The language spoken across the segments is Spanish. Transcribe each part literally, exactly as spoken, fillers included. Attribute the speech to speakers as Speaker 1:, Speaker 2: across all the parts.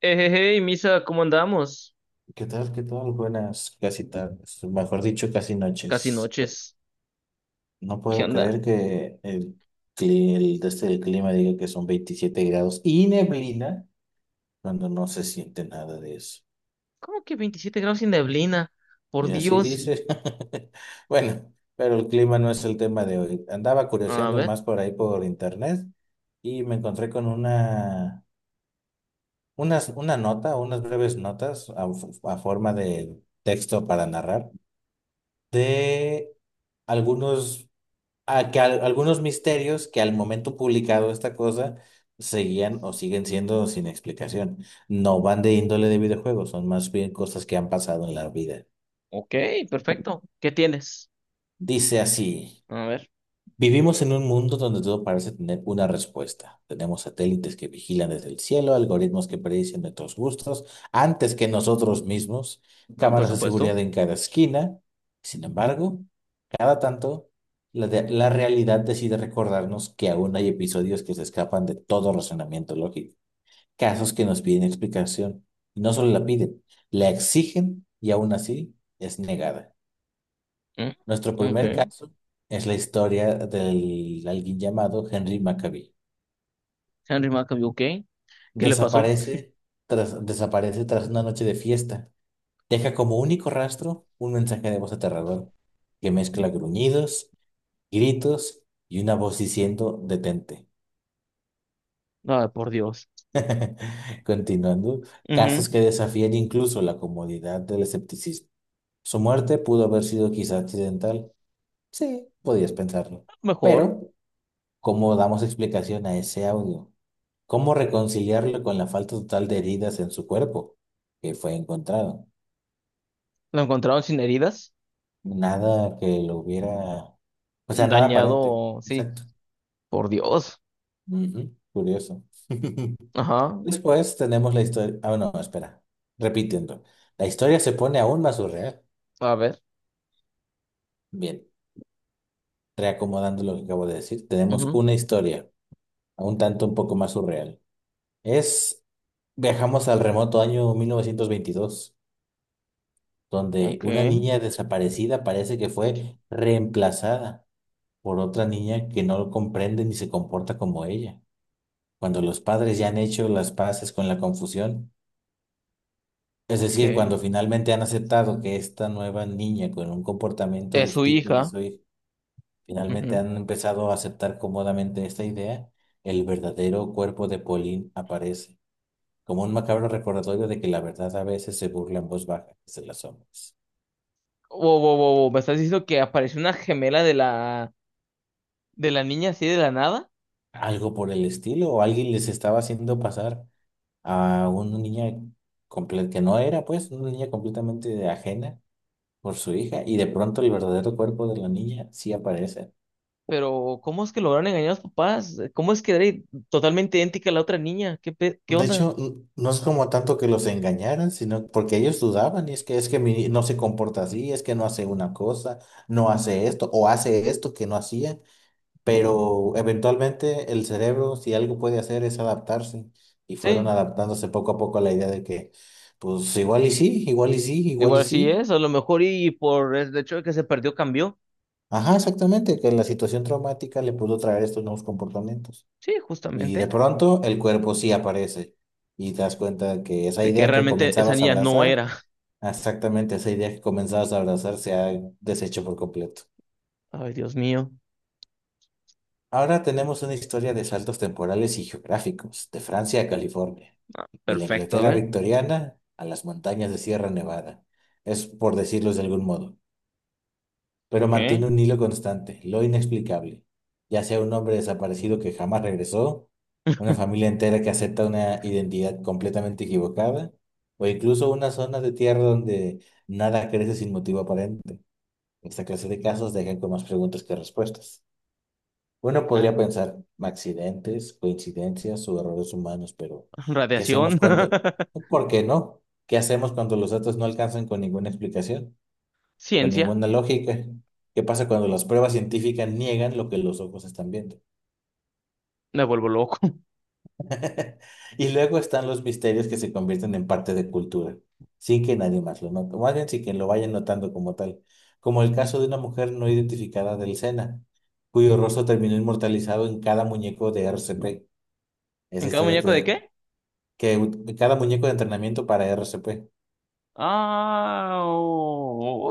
Speaker 1: Hey, Misa, ¿cómo andamos?
Speaker 2: ¿Qué tal? ¿Qué tal? Buenas casi tardes, mejor dicho, casi
Speaker 1: Casi
Speaker 2: noches.
Speaker 1: noches.
Speaker 2: No
Speaker 1: ¿Qué
Speaker 2: puedo
Speaker 1: onda?
Speaker 2: creer que el, cli- el, desde el clima diga que son veintisiete grados y neblina cuando no se siente nada de eso.
Speaker 1: ¿Cómo que veintisiete grados sin neblina? Por
Speaker 2: Y así
Speaker 1: Dios.
Speaker 2: dice. Bueno, pero el clima no es el tema de hoy. Andaba
Speaker 1: A
Speaker 2: curioseando
Speaker 1: ver.
Speaker 2: más por ahí por internet y me encontré con una, unas, una nota, unas breves notas a a forma de texto para narrar de algunos a que al- algunos misterios que al momento publicado esta cosa seguían o siguen siendo sin explicación. No van de índole de videojuegos, son más bien cosas que han pasado en la vida.
Speaker 1: Ok, perfecto. ¿Qué tienes?
Speaker 2: Dice así,
Speaker 1: A ver.
Speaker 2: vivimos en un mundo donde todo parece tener una respuesta. Tenemos satélites que vigilan desde el cielo, algoritmos que predicen nuestros gustos antes que nosotros mismos,
Speaker 1: Mm, por
Speaker 2: cámaras de
Speaker 1: supuesto.
Speaker 2: seguridad en cada esquina. Sin embargo, cada tanto, la, de- la realidad decide recordarnos que aún hay episodios que se escapan de todo razonamiento lógico, casos que nos piden explicación, y no solo la piden, la exigen y aún así es negada.
Speaker 1: Mm,
Speaker 2: Nuestro
Speaker 1: ok.
Speaker 2: primer caso es la historia del alguien llamado Henry Maccabee.
Speaker 1: Henry McAvee, ok. ¿Qué le pasó?
Speaker 2: Desaparece tras, desaparece tras una noche de fiesta. Deja como único rastro un mensaje de voz aterrador que mezcla gruñidos, gritos y una voz diciendo detente.
Speaker 1: Ah, por Dios.
Speaker 2: Continuando,
Speaker 1: Ujú,
Speaker 2: casos que desafían incluso la comodidad del escepticismo. Su muerte pudo haber sido quizá accidental. Sí, podías pensarlo.
Speaker 1: mejor.
Speaker 2: Pero, ¿cómo damos explicación a ese audio? ¿Cómo reconciliarlo con la falta total de heridas en su cuerpo que fue encontrado?
Speaker 1: ¿Lo encontraron sin heridas?
Speaker 2: Nada que lo hubiera... O sea, nada aparente.
Speaker 1: Dañado, sí.
Speaker 2: Exacto.
Speaker 1: Por Dios.
Speaker 2: Ujú, curioso.
Speaker 1: Ajá.
Speaker 2: Después tenemos la historia... Ah, no, espera. Repitiendo. La historia se pone aún más surreal.
Speaker 1: A ver.
Speaker 2: Bien, reacomodando lo que acabo de decir, tenemos
Speaker 1: Ujú,
Speaker 2: una historia, un tanto un poco más surreal. Es, viajamos al remoto año mil novecientos veintidós, donde
Speaker 1: ok,
Speaker 2: una niña desaparecida parece que fue reemplazada por otra niña que no lo comprende ni se comporta como ella. Cuando los padres ya han hecho las paces con la confusión, es decir,
Speaker 1: ok.
Speaker 2: cuando finalmente han aceptado que esta nueva niña con un comportamiento
Speaker 1: Es su
Speaker 2: distinto al de
Speaker 1: hija.
Speaker 2: su hija. Finalmente han empezado a aceptar cómodamente esta idea, el verdadero cuerpo de Pauline aparece, como un macabro recordatorio de que la verdad a veces se burla en voz baja desde las sombras.
Speaker 1: Wow, wow, wow, wow, ¿Me estás diciendo que apareció una gemela de la, de la niña así de la nada?
Speaker 2: Algo por el estilo, o alguien les estaba haciendo pasar a una niña comple- que no era, pues, una niña completamente ajena por su hija, y de pronto el verdadero cuerpo de la niña sí aparece.
Speaker 1: Pero, ¿cómo es que lograron engañar a los papás? ¿Cómo es que era i- totalmente idéntica a la otra niña? ¿Qué, pe- qué
Speaker 2: De
Speaker 1: onda?
Speaker 2: hecho, n- no es como tanto que los engañaran, sino porque ellos dudaban, y es que es que mi- no se comporta así, es que no hace una cosa, no hace esto, o hace esto que no hacía, pero eventualmente el cerebro, si algo puede hacer, es adaptarse, y fueron
Speaker 1: Sí,
Speaker 2: adaptándose poco a poco a la idea de que, pues igual y sí, igual y sí, igual y
Speaker 1: igual sí
Speaker 2: sí.
Speaker 1: es, a lo mejor y por el hecho de que se perdió cambió.
Speaker 2: Ajá, exactamente, que la situación traumática le pudo traer estos nuevos comportamientos.
Speaker 1: Sí,
Speaker 2: Y de
Speaker 1: justamente.
Speaker 2: pronto el cuerpo sí aparece, y te das cuenta que esa
Speaker 1: De que
Speaker 2: idea que
Speaker 1: realmente esa
Speaker 2: comenzabas a
Speaker 1: niña no
Speaker 2: abrazar,
Speaker 1: era.
Speaker 2: exactamente, esa idea que comenzabas a abrazar se ha deshecho por completo.
Speaker 1: Ay, Dios mío.
Speaker 2: Ahora tenemos una historia de saltos temporales y geográficos, de Francia a California, de la
Speaker 1: Perfecto, a
Speaker 2: Inglaterra
Speaker 1: ver.
Speaker 2: victoriana a las montañas de Sierra Nevada. Es por decirlo de algún modo, pero
Speaker 1: Ok.
Speaker 2: mantiene un hilo constante, lo inexplicable, ya sea un hombre desaparecido que jamás regresó, una familia entera que acepta una identidad completamente equivocada, o incluso una zona de tierra donde nada crece sin motivo. Esta clase de casos dejan con más preguntas que respuestas. Uno
Speaker 1: Ah,
Speaker 2: podría pensar accidentes, coincidencias o errores humanos, pero ¿qué hacemos
Speaker 1: radiación.
Speaker 2: cuando? ¿Por qué no? ¿Qué hacemos cuando los datos no alcanzan con ninguna explicación, con
Speaker 1: Ciencia.
Speaker 2: ninguna lógica? ¿Qué pasa cuando las pruebas científicas niegan lo que los ojos están viendo?
Speaker 1: Me vuelvo loco.
Speaker 2: Y luego están los misterios que se convierten en parte de cultura, sin que nadie más lo note, o más bien sin que lo vayan notando como tal, como el caso de una mujer no identificada del Sena, cuyo rostro terminó inmortalizado en cada muñeco de R C P.
Speaker 1: ¿En
Speaker 2: Esa
Speaker 1: cada
Speaker 2: historia
Speaker 1: muñeco de
Speaker 2: te-
Speaker 1: qué?
Speaker 2: que u- cada muñeco de entrenamiento para R C P.
Speaker 1: Ah,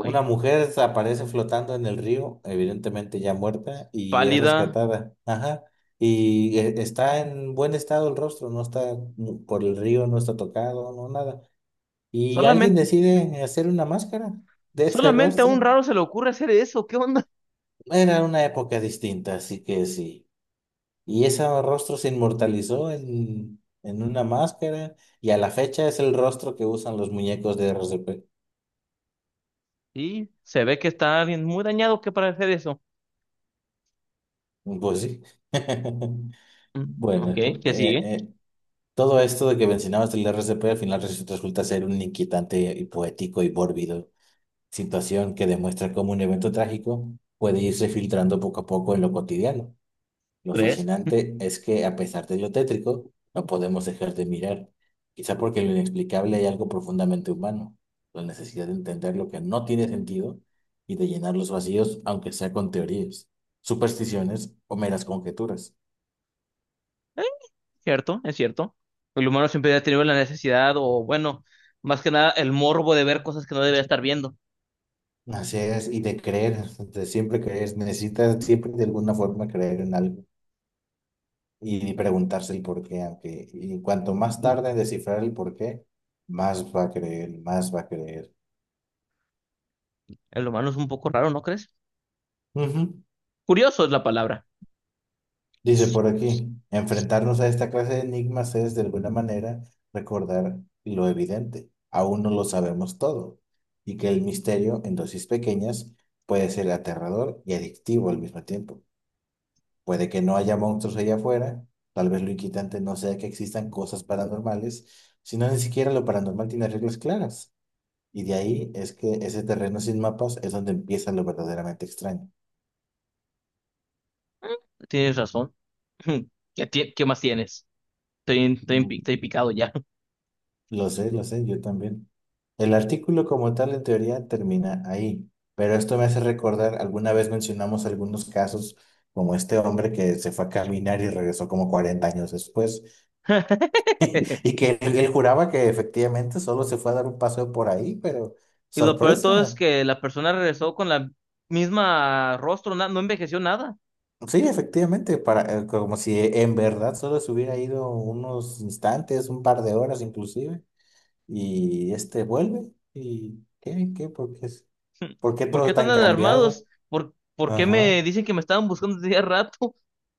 Speaker 2: Una mujer aparece flotando en el río, evidentemente ya muerta, y es
Speaker 1: Pálida.
Speaker 2: rescatada. Ajá. Y eh, está en buen estado el rostro, no está mm, por el río, no está tocado, no nada. Y alguien
Speaker 1: Solamente,
Speaker 2: decide hacer una máscara de ese
Speaker 1: solamente a un
Speaker 2: rostro.
Speaker 1: raro se le ocurre hacer eso. ¿Qué onda?
Speaker 2: Era una época distinta, así que sí. Y ese rostro se inmortalizó en, en una máscara y a la fecha es el rostro que usan los muñecos de R C P.
Speaker 1: Y se ve que está alguien muy dañado que para hacer eso.
Speaker 2: Pues sí.
Speaker 1: Mm, ok,
Speaker 2: Bueno, eh,
Speaker 1: ¿qué sigue?
Speaker 2: eh, todo esto de que mencionabas del R C P al final res- resulta ser un inquietante y poético y mórbido situación que demuestra cómo un evento trágico puede irse filtrando poco a poco en lo cotidiano. Lo
Speaker 1: ¿Crees?
Speaker 2: fascinante es que, a pesar de lo tétrico, no podemos dejar de mirar, quizá porque en lo inexplicable hay algo profundamente humano, la necesidad de entender lo que no tiene sentido y de llenar los vacíos, aunque sea con teorías, supersticiones o meras conjeturas.
Speaker 1: Eh, Cierto, es cierto. El humano siempre ha tenido la necesidad, o bueno, más que nada el morbo de ver cosas que no debería estar viendo.
Speaker 2: Así es, y de creer, de siempre creer, necesitas siempre de alguna forma creer en algo y preguntarse el por qué, aunque y cuanto más tarde en descifrar el por qué, más va a creer, más va a creer.
Speaker 1: El humano es un poco raro, ¿no crees?
Speaker 2: Ujú.
Speaker 1: Curioso es la palabra.
Speaker 2: Dice por aquí, enfrentarnos a esta clase de enigmas es de alguna manera recordar lo evidente. Aún no lo sabemos todo y que el misterio en dosis pequeñas puede ser aterrador y adictivo al mismo tiempo. Puede que no haya monstruos allá afuera, tal vez lo inquietante no sea que existan cosas paranormales, sino ni siquiera lo paranormal tiene reglas claras. Y de ahí es que ese terreno sin mapas es donde empieza lo verdaderamente extraño.
Speaker 1: Tienes razón. ¿Qué, ti- qué más tienes? Estoy, estoy, pi- estoy picado ya.
Speaker 2: Lo sé, lo sé, yo también. El artículo como tal en teoría termina ahí, pero esto me hace recordar, alguna vez mencionamos algunos casos como este hombre que se fue a caminar y regresó como cuarenta años después, y que él, él juraba que efectivamente solo se fue a dar un paseo por ahí, pero
Speaker 1: Y lo peor de todo es
Speaker 2: sorpresa.
Speaker 1: que la persona regresó con la misma rostro, na- no envejeció nada.
Speaker 2: Sí, efectivamente, para, eh, como si en verdad solo se hubiera ido unos instantes, un par de horas inclusive, y este vuelve, y ¿qué? ¿Qué? Porque es... ¿Por qué
Speaker 1: ¿Por qué
Speaker 2: todo
Speaker 1: están
Speaker 2: tan cambiado?
Speaker 1: alarmados? ¿Por, por qué
Speaker 2: Ajá.
Speaker 1: me dicen que me estaban buscando desde hace rato?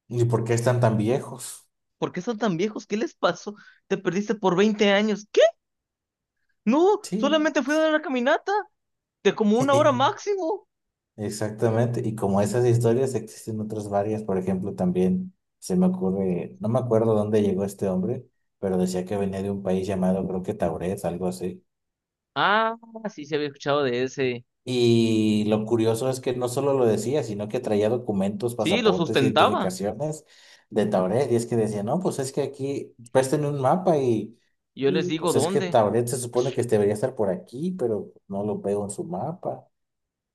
Speaker 2: ¿Y por qué están tan viejos?
Speaker 1: ¿Por qué están tan viejos? ¿Qué les pasó? Te perdiste por veinte años. ¿Qué? No,
Speaker 2: Sí.
Speaker 1: solamente fui a dar una caminata de como una hora máximo.
Speaker 2: Exactamente. Y como esas historias existen otras varias, por ejemplo, también se me ocurre, no me acuerdo dónde llegó este hombre, pero decía que venía de un país llamado, creo que Tauret, algo así.
Speaker 1: Ah, sí, se había escuchado de ese.
Speaker 2: Y lo curioso es que no solo lo decía, sino que traía documentos,
Speaker 1: Sí, lo
Speaker 2: pasaportes,
Speaker 1: sustentaba.
Speaker 2: identificaciones de Tauret. Y es que decía, no, pues es que aquí, préstenme un mapa y,
Speaker 1: Yo les
Speaker 2: y
Speaker 1: digo
Speaker 2: pues es que
Speaker 1: dónde.
Speaker 2: Tauret se supone que debería estar por aquí, pero no lo veo en su mapa.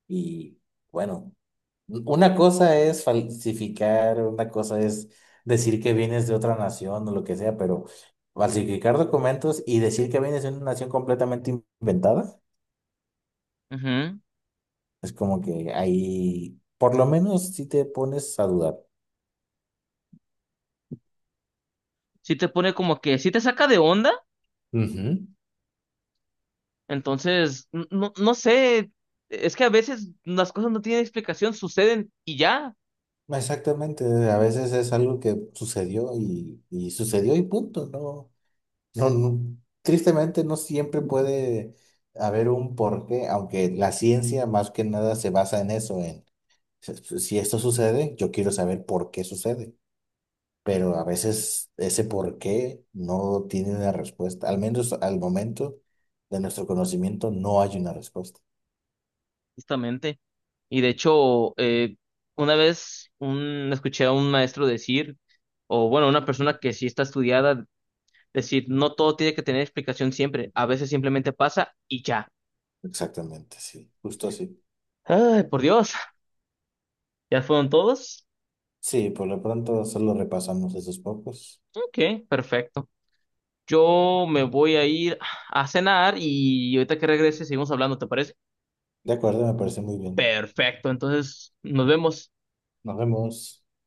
Speaker 2: Y bueno, una cosa es falsificar, una cosa es decir que vienes de otra nación o lo que sea, pero falsificar documentos y decir que vienes de una nación completamente inventada,
Speaker 1: Ujú.
Speaker 2: es como que ahí, por lo menos, si te pones a dudar.
Speaker 1: Sí te pone como que, sí te saca de onda.
Speaker 2: Ujú.
Speaker 1: Entonces, n- no, no sé. Es que a veces las cosas no tienen explicación, suceden y ya,
Speaker 2: Exactamente, a veces es algo que sucedió y, y sucedió y punto, ¿no? No, no, tristemente no siempre puede haber un porqué, aunque la ciencia más que nada se basa en eso. Si si esto sucede, yo quiero saber por qué sucede, pero a veces ese por qué no tiene una respuesta, al menos al momento de nuestro conocimiento no hay una respuesta.
Speaker 1: justamente. Y de hecho, eh, una vez un, escuché a un maestro decir, o bueno, una persona que sí está estudiada, decir, no todo tiene que tener explicación siempre, a veces simplemente pasa y ya.
Speaker 2: Exactamente, sí, justo así.
Speaker 1: Ay, por Dios, ¿ya fueron todos?
Speaker 2: Sí, por lo pronto solo repasamos esos pocos.
Speaker 1: Ok, perfecto. Yo me voy a ir a cenar y ahorita que regrese seguimos hablando, ¿te parece?
Speaker 2: De acuerdo, me parece muy bien.
Speaker 1: Perfecto, entonces nos vemos.
Speaker 2: Nos vemos.